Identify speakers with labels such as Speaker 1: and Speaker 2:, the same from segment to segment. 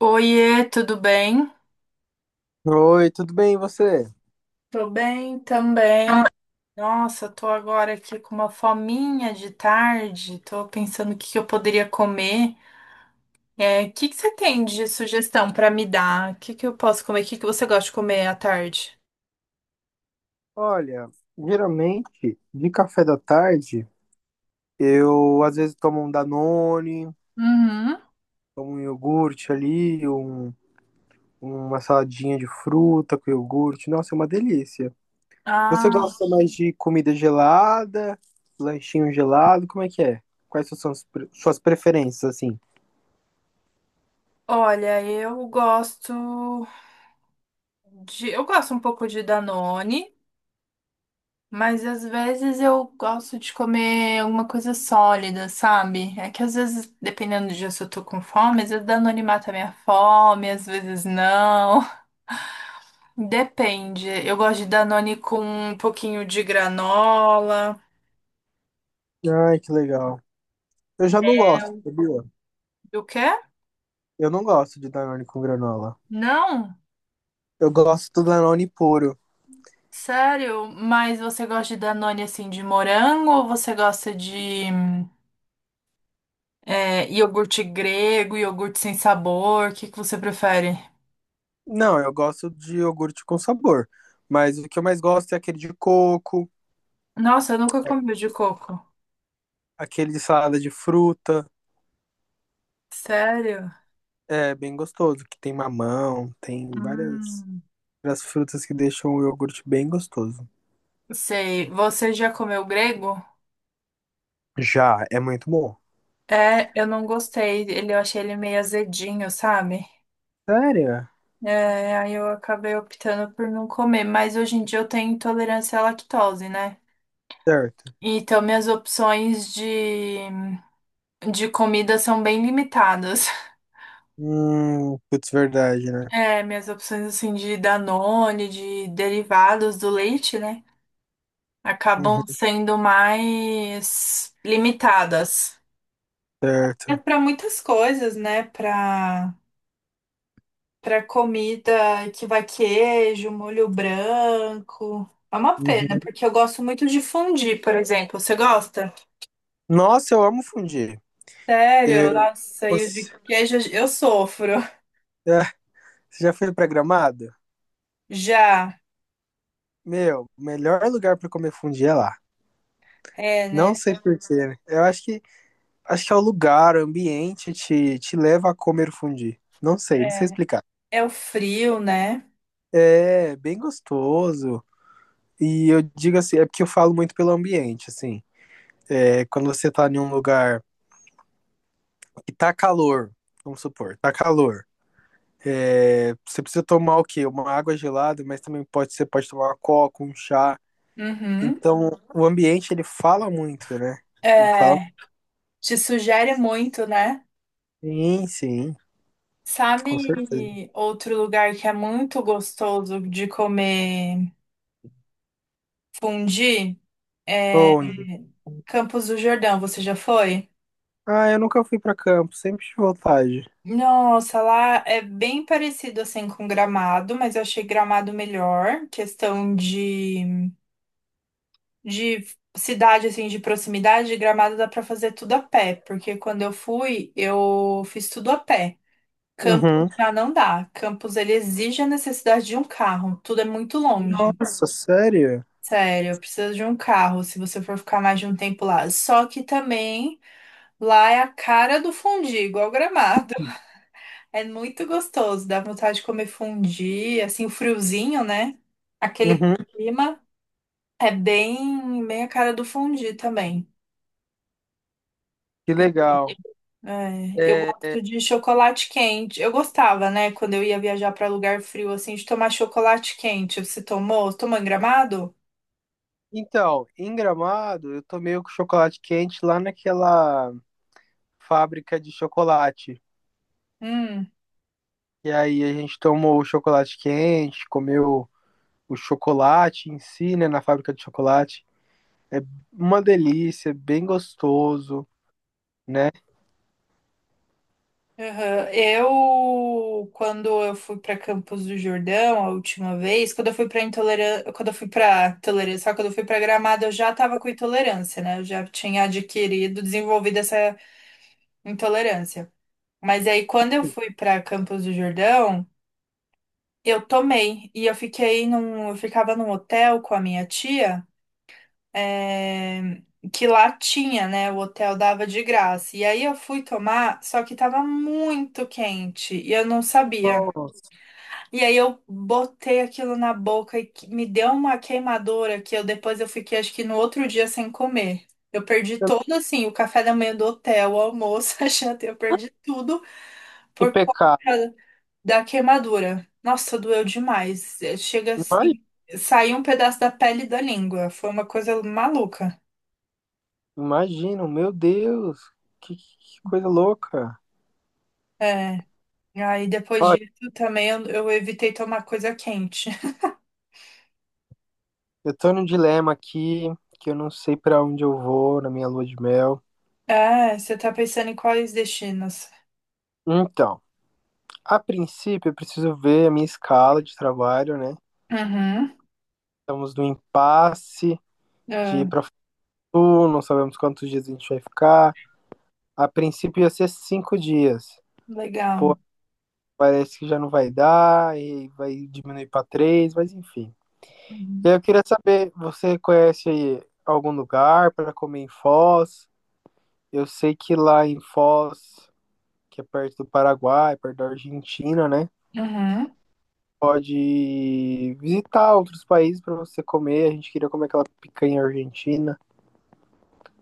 Speaker 1: Oiê, tudo bem?
Speaker 2: Oi, tudo bem, e você?
Speaker 1: Tô bem também. Nossa, tô agora aqui com uma fominha de tarde. Tô pensando o que que eu poderia comer. É, o que que você tem de sugestão pra me dar? O que que eu posso comer? O que que você gosta de comer à tarde?
Speaker 2: Olha, geralmente de café da tarde eu às vezes tomo um Danone,
Speaker 1: Uhum.
Speaker 2: tomo um iogurte ali, uma saladinha de fruta com iogurte. Nossa, é uma delícia. Você
Speaker 1: Ah,
Speaker 2: gosta mais de comida gelada, lanchinho gelado? Como é que é? Quais são suas preferências assim?
Speaker 1: olha, eu gosto eu gosto um pouco de Danone. Mas às vezes eu gosto de comer alguma coisa sólida, sabe? É que às vezes, dependendo do dia, se eu tô com fome, às vezes Danone mata a minha fome, às vezes não. Depende. Eu gosto de Danone com um pouquinho de granola.
Speaker 2: Ai, que legal. Eu já não gosto, sabia?
Speaker 1: Do quê?
Speaker 2: Eu não gosto de Danone com granola.
Speaker 1: Não?
Speaker 2: Eu gosto do Danone puro.
Speaker 1: Sério? Mas você gosta de Danone assim de morango ou você gosta de iogurte grego, iogurte sem sabor? O que que você prefere?
Speaker 2: Não, eu gosto de iogurte com sabor. Mas o que eu mais gosto é aquele de coco,
Speaker 1: Nossa, eu nunca comi o de coco.
Speaker 2: aquele de salada de fruta.
Speaker 1: Sério?
Speaker 2: É bem gostoso, que tem mamão, tem várias,
Speaker 1: Hum,
Speaker 2: várias frutas que deixam o iogurte bem gostoso.
Speaker 1: sei. Você já comeu grego?
Speaker 2: Já, é muito bom.
Speaker 1: É, eu não gostei. Eu achei ele meio azedinho, sabe?
Speaker 2: Sério?
Speaker 1: É, aí eu acabei optando por não comer. Mas hoje em dia eu tenho intolerância à lactose, né?
Speaker 2: Certo.
Speaker 1: Então minhas opções de comida são bem limitadas.
Speaker 2: Putz, verdade, né?
Speaker 1: É, minhas opções assim de Danone, de derivados do leite, né? Acabam
Speaker 2: Uhum,
Speaker 1: sendo mais limitadas. É
Speaker 2: certo.
Speaker 1: para muitas coisas, né? Para comida que vai queijo, molho branco. É uma pena,
Speaker 2: Uhum.
Speaker 1: porque eu gosto muito de fondue, por exemplo. Você gosta?
Speaker 2: Nossa, eu amo fundir.
Speaker 1: Sério?
Speaker 2: Eu,
Speaker 1: Nossa, e o
Speaker 2: você,
Speaker 1: de queijo eu sofro.
Speaker 2: é, Você já foi pra Gramado?
Speaker 1: Já.
Speaker 2: Meu, o melhor lugar pra comer fundir é lá.
Speaker 1: É, né?
Speaker 2: Não sei por quê, né? Eu acho que Acho que é o lugar, o ambiente te leva a comer fundir. Não sei, não sei
Speaker 1: É.
Speaker 2: explicar.
Speaker 1: É o frio, né?
Speaker 2: É bem gostoso. E eu digo assim, é porque eu falo muito pelo ambiente, assim. É quando você tá em um lugar que tá calor, vamos supor, tá calor. É, você precisa tomar o quê? Uma água gelada, mas também pode, você pode tomar uma coca, um chá.
Speaker 1: Uhum.
Speaker 2: Então, o ambiente, ele fala muito, né? Ele fala,
Speaker 1: É. Te sugere muito, né?
Speaker 2: sim, sim, com certeza.
Speaker 1: Sabe outro lugar que é muito gostoso de comer fondue?
Speaker 2: Onde?
Speaker 1: Campos do Jordão, você já foi?
Speaker 2: Ah, eu nunca fui pra campo, sempre de vontade.
Speaker 1: Nossa, lá é bem parecido assim com Gramado, mas eu achei Gramado melhor. Questão de cidade, assim, de proximidade, Gramado dá pra fazer tudo a pé, porque quando eu fui, eu fiz tudo a pé. Campos
Speaker 2: Uhum.
Speaker 1: já não dá. Campos ele exige a necessidade de um carro. Tudo é muito longe.
Speaker 2: Nossa, sério?
Speaker 1: Sério, precisa de um carro se você for ficar mais de um tempo lá. Só que também lá é a cara do fundi, igual Gramado. É muito gostoso, dá vontade de comer fondue, assim, o friozinho, né? Aquele
Speaker 2: Uhum,
Speaker 1: clima é bem, bem a cara do fondue também.
Speaker 2: que legal.
Speaker 1: É, eu
Speaker 2: É,
Speaker 1: gosto de chocolate quente. Eu gostava, né, quando eu ia viajar para lugar frio, assim, de tomar chocolate quente. Você tomou? Tomou em Gramado?
Speaker 2: então, em Gramado, eu tomei o chocolate quente lá naquela fábrica de chocolate.
Speaker 1: Hum.
Speaker 2: E aí a gente tomou o chocolate quente, comeu o chocolate em si, né, na fábrica de chocolate. É uma delícia, bem gostoso, né?
Speaker 1: Aham. Quando eu fui para Campos do Jordão a última vez, quando eu fui para intolerância, quando eu fui para tolerância, só quando eu fui para Gramado, eu já estava com intolerância, né? Eu já tinha adquirido, desenvolvido essa intolerância. Mas aí, quando eu fui para Campos do Jordão, eu tomei e eu ficava num hotel com a minha tia, é, que lá tinha, né? O hotel dava de graça. E aí eu fui tomar, só que tava muito quente e eu não sabia.
Speaker 2: Nossa,
Speaker 1: E aí eu botei aquilo na boca e me deu uma queimadura que eu depois eu fiquei acho que no outro dia sem comer. Eu perdi todo assim, o café da manhã do hotel, o almoço, a janta, eu perdi tudo
Speaker 2: que
Speaker 1: por
Speaker 2: pecado.
Speaker 1: conta da queimadura. Nossa, doeu demais. É, chega
Speaker 2: Ima-
Speaker 1: assim, saiu um pedaço da pele e da língua. Foi uma coisa maluca.
Speaker 2: Imagina, meu Deus, que coisa louca.
Speaker 1: É, e aí depois
Speaker 2: Ó,
Speaker 1: disso também eu evitei tomar coisa quente.
Speaker 2: eu tô num dilema aqui, que eu não sei pra onde eu vou na minha lua de mel.
Speaker 1: É, você tá pensando em quais destinos?
Speaker 2: Então, a princípio eu preciso ver a minha escala de trabalho, né?
Speaker 1: Uhum,
Speaker 2: Estamos no impasse de
Speaker 1: é,
Speaker 2: ir pra Fatu, não sabemos quantos dias a gente vai ficar. A princípio ia ser 5 dias. Pô,
Speaker 1: legal.
Speaker 2: parece que já não vai dar, e vai diminuir pra três, mas enfim. E
Speaker 1: Uhum.
Speaker 2: aí eu queria saber, você conhece aí algum lugar pra comer em Foz? Eu sei que lá em Foz que é perto do Paraguai, perto da Argentina, né?
Speaker 1: Uhum.
Speaker 2: Pode visitar outros países para você comer. A gente queria comer aquela picanha argentina.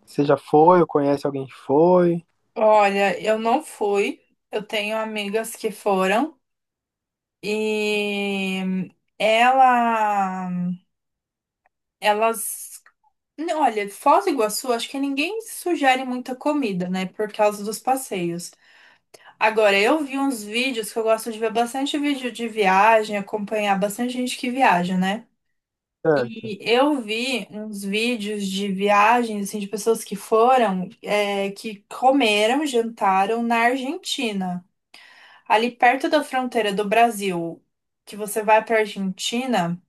Speaker 2: Você já foi ou conhece alguém que foi?
Speaker 1: Olha, eu não fui. Eu tenho amigas que foram e ela, elas, olha, Foz do Iguaçu, acho que ninguém sugere muita comida, né, por causa dos passeios. Agora, eu vi uns vídeos que eu gosto de ver bastante vídeo de viagem, acompanhar bastante gente que viaja, né?
Speaker 2: Certo.
Speaker 1: E eu vi uns vídeos de viagens, assim, de pessoas que foram, é, que comeram, jantaram na Argentina. Ali perto da fronteira do Brasil, que você vai para Argentina,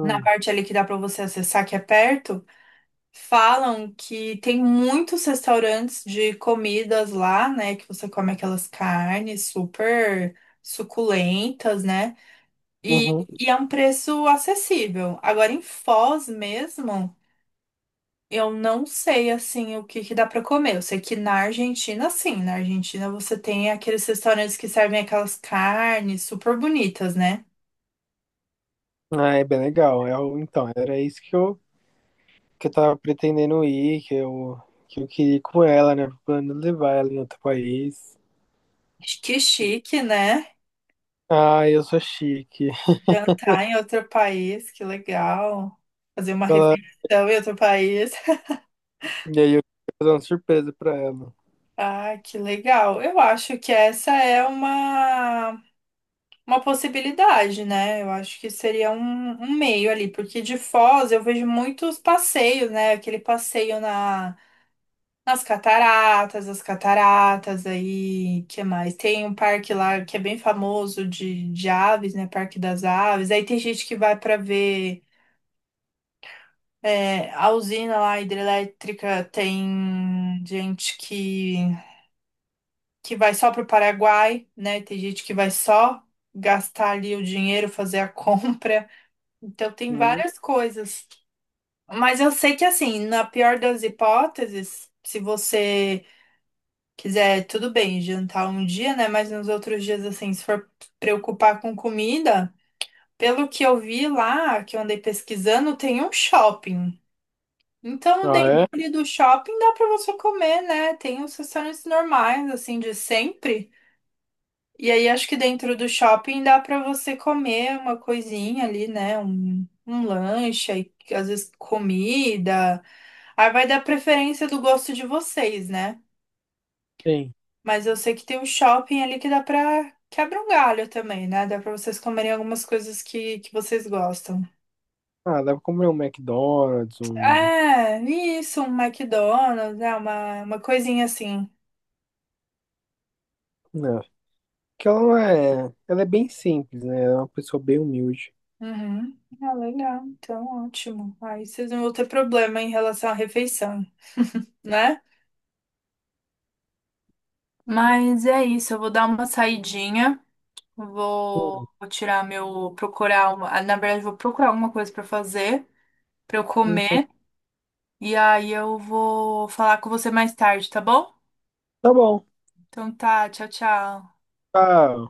Speaker 1: na parte ali que dá para você acessar, que é perto, falam que tem muitos restaurantes de comidas lá, né? Que você come aquelas carnes super suculentas, né? E,
Speaker 2: Uhum.
Speaker 1: e é um preço acessível. Agora, em Foz mesmo. Eu não sei assim o que que dá pra comer. Eu sei que na Argentina, sim, na Argentina você tem aqueles restaurantes que servem aquelas carnes super bonitas, né?
Speaker 2: Ah, é bem legal. É o então, era isso que eu, que eu, tava pretendendo ir, que eu queria ir com ela, né? Plano levar ela em outro país.
Speaker 1: Que chique, né?
Speaker 2: Ah, eu sou chique.
Speaker 1: Jantar em outro país, que legal. Fazer uma
Speaker 2: Ela,
Speaker 1: refeição em outro país.
Speaker 2: e aí eu queria fazer uma surpresa pra ela.
Speaker 1: Ah, que legal. Eu acho que essa é uma possibilidade, né? Eu acho que seria um meio ali, porque de Foz eu vejo muitos passeios, né? Aquele passeio na Nas cataratas, as cataratas aí, que mais? Tem um parque lá que é bem famoso de aves, né? Parque das Aves. Aí tem gente que vai para ver a usina lá hidrelétrica, tem gente que vai só para o Paraguai, né? Tem gente que vai só gastar ali o dinheiro, fazer a compra. Então tem
Speaker 2: Hum.
Speaker 1: várias coisas. Mas eu sei que assim, na pior das hipóteses, se você quiser, tudo bem, jantar um dia, né? Mas nos outros dias, assim, se for preocupar com comida, pelo que eu vi lá, que eu andei pesquisando, tem um shopping. Então,
Speaker 2: Ah,
Speaker 1: dentro
Speaker 2: é?
Speaker 1: ali do shopping dá para você comer, né? Tem os restaurantes normais, assim, de sempre. E aí, acho que dentro do shopping dá para você comer uma coisinha ali, né? Um lanche, aí, às vezes comida. Aí vai dar preferência do gosto de vocês, né?
Speaker 2: Sim.
Speaker 1: Mas eu sei que tem um shopping ali que dá pra, quebra um galho também, né? Dá pra vocês comerem algumas coisas que vocês gostam.
Speaker 2: Ah, dá pra comer um McDonald's.
Speaker 1: É, isso, um McDonald's, né? Uma coisinha assim.
Speaker 2: Não, que ela não é. Ela é bem simples, né? Ela é uma pessoa bem humilde.
Speaker 1: Uhum. Ah, legal. Então, ótimo. Aí vocês não vão ter problema em relação à refeição, né? Mas é isso, eu vou dar uma saidinha. Vou,
Speaker 2: Hum,
Speaker 1: vou tirar meu. Procurar uma. Ah, na verdade, vou procurar alguma coisa pra fazer, pra eu
Speaker 2: Então,
Speaker 1: comer. E aí eu vou falar com você mais tarde, tá bom?
Speaker 2: tá bom.
Speaker 1: Então tá, tchau, tchau.
Speaker 2: Tá.